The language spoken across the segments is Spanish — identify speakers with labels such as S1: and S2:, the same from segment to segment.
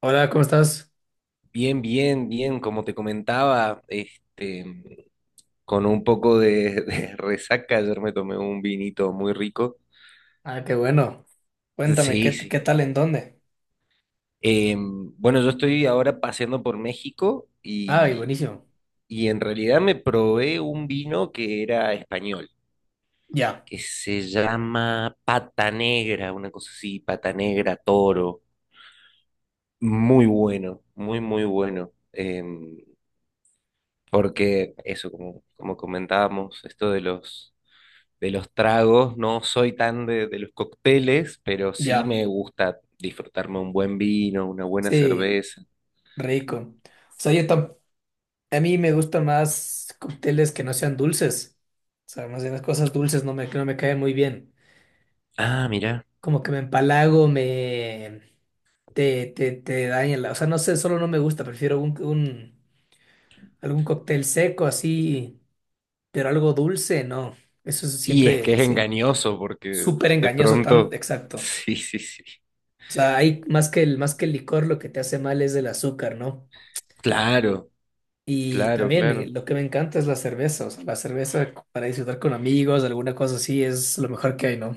S1: Hola, ¿cómo estás?
S2: Bien, bien, bien, como te comentaba, con un poco de, de resaca, ayer me tomé un vinito muy rico.
S1: Ah, qué bueno. Cuéntame,
S2: Sí,
S1: ¿qué,
S2: sí.
S1: qué tal en dónde?
S2: Bueno, yo estoy ahora paseando por México
S1: Ay, buenísimo.
S2: y en realidad me probé un vino que era español,
S1: Ya,
S2: que se llama Pata Negra, una cosa así, Pata Negra Toro. Muy bueno, muy, muy bueno. Porque eso, como, como comentábamos, esto de los tragos, no soy tan de los cócteles, pero sí
S1: ya.
S2: me gusta disfrutarme un buen vino, una buena
S1: Sí,
S2: cerveza.
S1: rico. O sea, a mí me gustan más cócteles que no sean dulces. O sea, más bien las cosas dulces no me caen muy bien.
S2: Ah, mira.
S1: Como que me empalago, Te daña O sea, no sé, solo no me gusta. Prefiero algún cóctel seco así, pero algo dulce, no. Eso es
S2: Y es que
S1: siempre,
S2: es
S1: sí,
S2: engañoso porque
S1: súper
S2: de
S1: engañoso, tan
S2: pronto...
S1: exacto.
S2: Sí, sí, sí.
S1: O sea, hay más que más que el licor, lo que te hace mal es el azúcar, ¿no?
S2: Claro,
S1: Y
S2: claro,
S1: también
S2: claro.
S1: lo que me encanta es la cerveza, o sea, la cerveza para disfrutar con amigos, alguna cosa así, es lo mejor que hay, ¿no?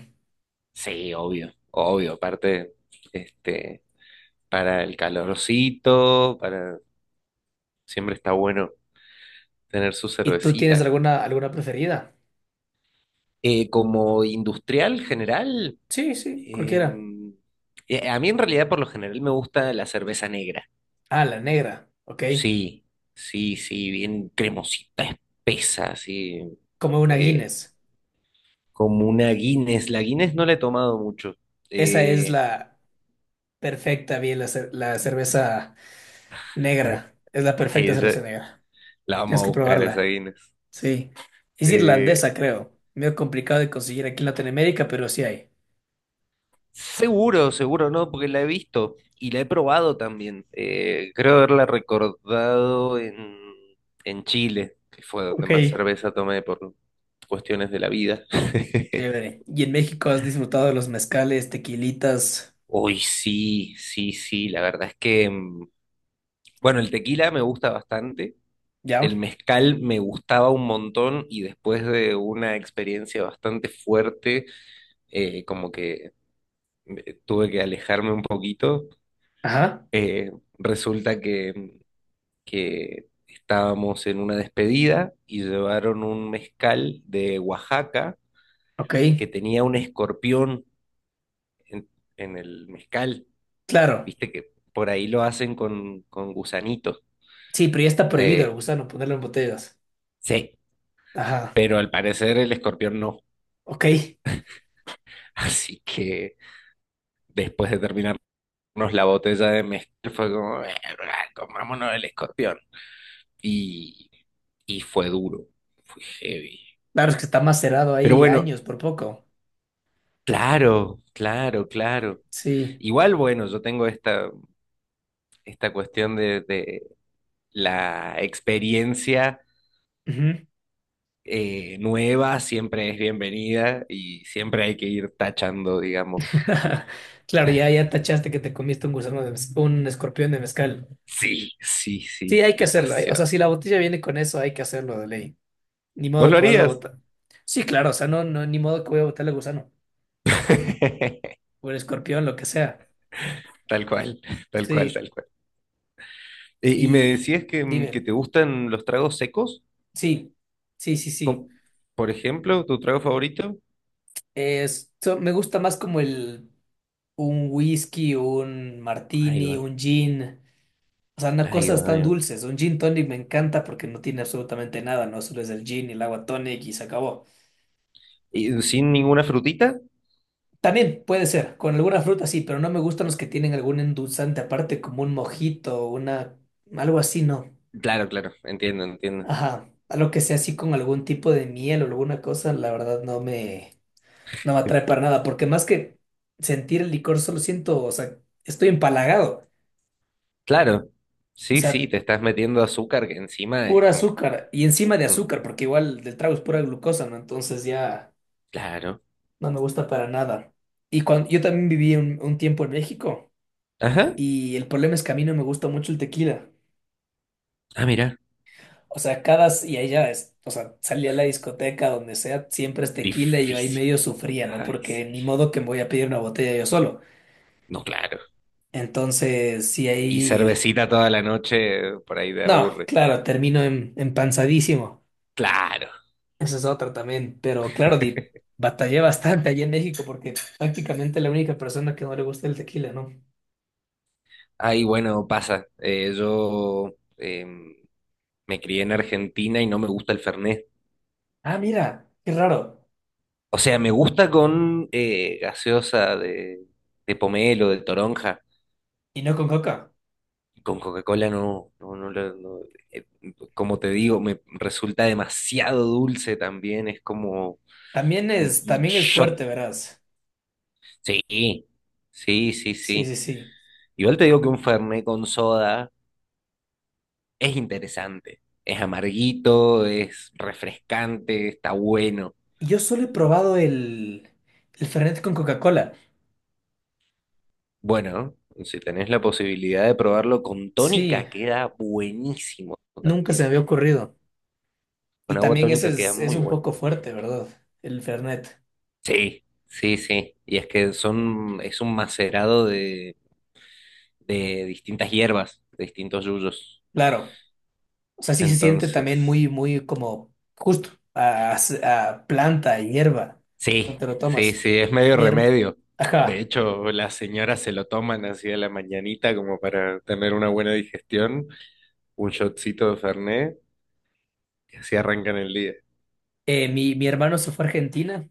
S2: Sí, obvio, obvio. Aparte, este, para el calorcito, para... Siempre está bueno tener su
S1: ¿Y tú tienes
S2: cervecita.
S1: alguna preferida?
S2: Como industrial general.
S1: Sí, sí, cualquiera.
S2: Em, a mí en realidad por lo general me gusta la cerveza negra.
S1: Ah, la negra, ok.
S2: Sí, sí, sí, bien cremosita, espesa, así.
S1: Como una
S2: Eh,
S1: Guinness.
S2: como una Guinness. La Guinness no la he tomado mucho.
S1: Esa es
S2: Eh,
S1: la perfecta, bien, la cerveza negra. Es la
S2: Ay,
S1: perfecta cerveza negra.
S2: la vamos
S1: Tienes
S2: a
S1: que
S2: buscar esa
S1: probarla.
S2: Guinness.
S1: Sí. Es
S2: Eh,
S1: irlandesa, creo. Medio complicado de conseguir aquí en Latinoamérica, pero sí hay.
S2: Seguro, seguro no, porque la he visto y la he probado también. Creo haberla recordado en Chile, que fue donde más
S1: Ok.
S2: cerveza tomé por cuestiones de la vida.
S1: Chévere. ¿Y en México has disfrutado de los mezcales, tequilitas?
S2: Uy, sí, sí, sí, la verdad es que, mm, bueno, el tequila me gusta bastante, el
S1: ¿Ya?
S2: mezcal me gustaba un montón y después de una experiencia bastante fuerte, como que tuve que alejarme un poquito.
S1: Ajá.
S2: Eh, Resulta que que estábamos en una despedida y llevaron un mezcal de Oaxaca
S1: Ok.
S2: que tenía un escorpión en, en el mezcal.
S1: Claro.
S2: Viste que por ahí lo hacen con gusanitos.
S1: Sí, pero ya está prohibido el
S2: Eh,
S1: gusano ponerlo en botellas.
S2: sí,
S1: Ajá.
S2: pero al parecer el escorpión no.
S1: Ok.
S2: Así que después de terminarnos la botella de mezcal fue como, comámonos el escorpión." Y, y fue duro, fue heavy.
S1: Claro, es que está macerado
S2: Pero
S1: ahí
S2: bueno,
S1: años por poco.
S2: claro, claro, claro.
S1: Sí.
S2: Igual, bueno, yo tengo esta, esta cuestión de la experiencia
S1: Ujú.
S2: nueva, siempre es bienvenida y siempre hay que ir tachando, digamos.
S1: Claro, ya, ya tachaste que te comiste un un escorpión de mezcal.
S2: Sí, sí,
S1: Sí,
S2: sí,
S1: hay que hacerlo. O sea, si
S2: demasiado.
S1: la botella viene con eso, hay que hacerlo de ley. Ni
S2: ¿Vos
S1: modo
S2: lo
S1: que vas a
S2: harías?
S1: botar. Sí, claro, o sea, no, no, ni modo que voy a botarle gusano. O el escorpión, lo que sea.
S2: Tal cual, tal cual,
S1: Sí.
S2: tal cual. Y me
S1: Y
S2: decías que, que
S1: dime,
S2: te gustan los tragos secos,
S1: sí, sí, sí, sí.
S2: como, por ejemplo, tu trago favorito.
S1: Es, me gusta más como el un whisky, un
S2: Ahí
S1: martini,
S2: va,
S1: un gin. O sea, no
S2: ahí
S1: cosas
S2: va,
S1: tan
S2: ahí va.
S1: dulces. Un gin tonic me encanta porque no tiene absolutamente nada, ¿no? Solo es el gin y el agua tonic y se acabó.
S2: ¿Y sin ninguna frutita?
S1: También puede ser, con alguna fruta sí, pero no me gustan los que tienen algún endulzante aparte, como un mojito, algo así, no.
S2: Claro, claro, entiendo, entiendo.
S1: Ajá. Algo que sea así con algún tipo de miel o alguna cosa, la verdad no me atrae para nada, porque más que sentir el licor, solo siento, o sea, estoy empalagado.
S2: Claro,
S1: O
S2: sí, sí,
S1: sea,
S2: te estás metiendo azúcar que encima es
S1: pura
S2: como que...
S1: azúcar y encima de
S2: mm,
S1: azúcar, porque igual del trago es pura glucosa, ¿no? Entonces ya
S2: Claro.
S1: no me gusta para nada. Y cuando yo también viví un tiempo en México
S2: Ajá.
S1: y el problema es que a mí no me gusta mucho el tequila.
S2: Ah, mira,
S1: O sea, cada, y allá es, o sea, salía a la discoteca, donde sea, siempre es tequila y yo ahí
S2: difícil.
S1: medio sufría, ¿no?
S2: Ay,
S1: Porque
S2: sí.
S1: ni modo que me voy a pedir una botella yo solo.
S2: No, claro.
S1: Entonces, sí,
S2: Y
S1: ahí.
S2: cervecita toda la noche, por ahí te
S1: No,
S2: aburre.
S1: claro, termino empanzadísimo.
S2: Claro.
S1: Esa es otra también. Pero claro, batallé bastante allí en México porque prácticamente la única persona que no le gusta el tequila, ¿no?
S2: Ay, bueno, pasa. Me crié en Argentina y no me gusta el Fernet.
S1: Ah, mira, qué raro.
S2: O sea, me gusta con gaseosa de pomelo, de toronja.
S1: Y no con coca.
S2: Con Coca-Cola no, no, no, no, eh, como te digo, me resulta demasiado dulce también, es como un
S1: También es
S2: shot.
S1: fuerte, verás.
S2: Sí, sí, sí,
S1: Sí, sí,
S2: sí.
S1: sí.
S2: Igual te digo que un Fernet con soda es interesante, es amarguito, es refrescante, está bueno.
S1: Y yo solo he probado el Fernet con Coca-Cola.
S2: Bueno, si tenés la posibilidad de probarlo con
S1: Sí,
S2: tónica, queda buenísimo
S1: nunca se
S2: también.
S1: me había ocurrido. Y
S2: Con agua
S1: también ese
S2: tónica queda
S1: es
S2: muy
S1: un
S2: bueno.
S1: poco fuerte, ¿verdad? El Fernet.
S2: Sí, sí, sí. Y es que son, es un macerado de distintas hierbas, de distintos yuyos.
S1: Claro. O sea, sí se siente también muy,
S2: Entonces,
S1: muy como justo a, a planta, a hierba, cuando
S2: sí,
S1: te lo
S2: sí,
S1: tomas.
S2: sí, es medio
S1: Mi, her-
S2: remedio. De
S1: Ajá.
S2: hecho, las señoras se lo toman así a la mañanita como para tener una buena digestión, un shotcito de Fernet, y así arrancan el día.
S1: Mi hermano se fue a Argentina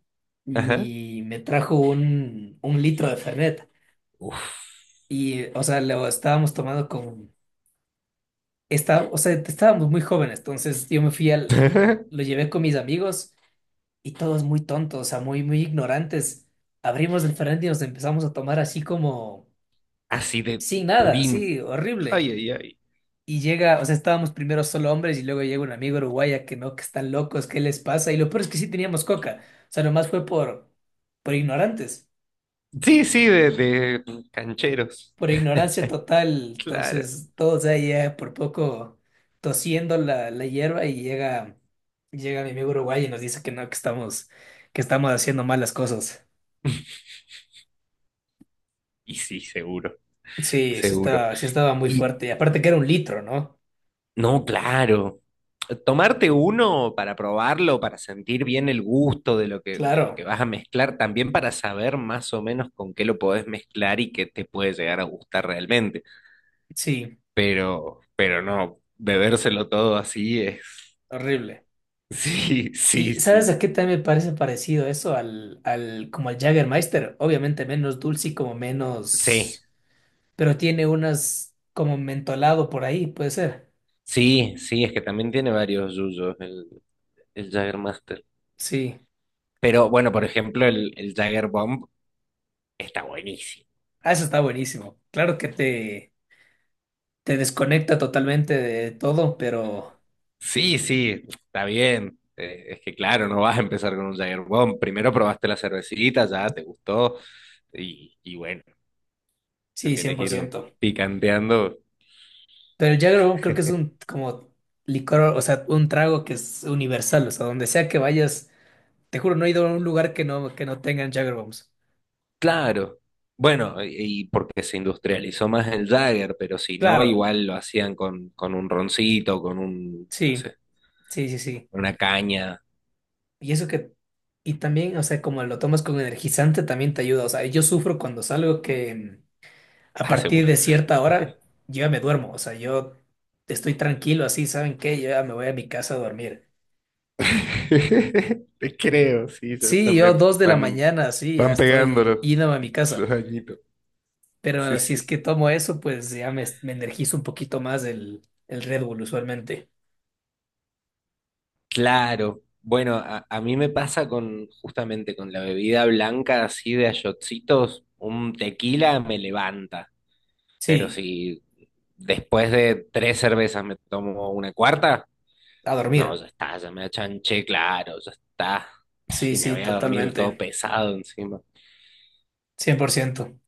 S2: Ajá.
S1: y me trajo un litro de Fernet.
S2: Uf.
S1: Y, o sea, lo estábamos tomando con... Está, o sea, estábamos muy jóvenes, entonces yo me fui al... Lo llevé con mis amigos y todos muy tontos, o sea, muy ignorantes. Abrimos el Fernet y nos empezamos a tomar así como...
S2: Así de
S1: Sin nada, sí,
S2: purín.
S1: horrible.
S2: Ay, ay, ay.
S1: Y llega, o sea, estábamos primero solo hombres y luego llega un amigo uruguaya que no, que están locos, ¿qué les pasa? Y lo peor es que sí teníamos coca. O sea, nomás fue por ignorantes,
S2: Sí, sí, de cancheros.
S1: por ignorancia total.
S2: Claro.
S1: Entonces, todos ahí por poco tosiendo la hierba y llega, llega mi amigo uruguayo y nos dice que no, que estamos haciendo malas cosas.
S2: Y sí, seguro,
S1: Sí,
S2: seguro.
S1: sí estaba muy
S2: Y
S1: fuerte. Y aparte que era un litro, ¿no?
S2: no, claro. Tomarte uno para probarlo, para sentir bien el gusto de lo que
S1: Claro,
S2: vas a mezclar, también para saber más o menos con qué lo podés mezclar y qué te puede llegar a gustar realmente.
S1: sí,
S2: Pero no, bebérselo todo así es.
S1: horrible.
S2: Sí, sí,
S1: ¿Y sabes
S2: sí.
S1: a qué también me parece parecido eso? Como al Jägermeister. Obviamente menos dulce y como
S2: Sí,
S1: menos. Pero tiene unas como mentolado por ahí, puede ser.
S2: sí, sí, es que también tiene varios yuyos el Jägermeister.
S1: Sí.
S2: Pero bueno, por ejemplo, el Jäger Bomb está buenísimo.
S1: Ah, eso está buenísimo. Claro que te desconecta totalmente de todo, pero
S2: Sí, sí, está bien. Es que claro, no vas a empezar con un Jagger Bomb. Primero probaste la cervecita, ya te gustó. Y bueno, lo
S1: sí,
S2: querés ir
S1: 100%.
S2: picanteando.
S1: Pero el Jäger Bomb creo que es un como licor, o sea, un trago que es universal. O sea, donde sea que vayas, te juro, no he ido a un lugar que no tengan Jägerbombs.
S2: Claro. Bueno, y porque se industrializó más el Jagger, pero si no,
S1: Claro,
S2: igual lo hacían con un roncito, con un, no
S1: sí,
S2: sé,
S1: sí, sí, sí.
S2: una caña.
S1: Y eso que, y también, o sea, como lo tomas con energizante, también te ayuda. O sea, yo sufro cuando salgo que a
S2: Ah,
S1: partir
S2: seguro.
S1: de cierta hora yo ya me duermo. O sea, yo estoy tranquilo así, ¿saben qué? Yo ya me voy a mi casa a dormir.
S2: Te creo, sí, ya
S1: Sí, yo
S2: también
S1: dos de la
S2: van,
S1: mañana, sí, ya
S2: van pegando
S1: estoy yéndome a mi
S2: los
S1: casa.
S2: añitos. Sí,
S1: Pero si es
S2: sí.
S1: que tomo eso, pues ya me energizo un poquito más el Red Bull usualmente.
S2: Claro, bueno, a mí me pasa con justamente con la bebida blanca así de a shotsitos, un tequila me levanta, pero
S1: Sí,
S2: si después de tres cervezas me tomo una cuarta,
S1: a dormir.
S2: no, ya está, ya me achanché, claro, ya está,
S1: Sí,
S2: y me
S1: sí,
S2: voy a dormir todo
S1: totalmente.
S2: pesado encima.
S1: 100%.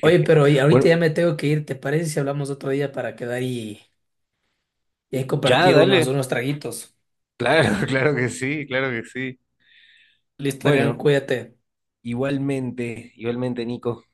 S1: Oye, pero y ahorita
S2: Bueno,
S1: ya me tengo que ir. ¿Te parece si hablamos otro día para quedar y ahí
S2: ya,
S1: compartir
S2: dale,
S1: unos traguitos?
S2: claro, claro que sí, claro que sí.
S1: Listo, Adrián,
S2: Bueno,
S1: cuídate.
S2: igualmente, igualmente, Nico.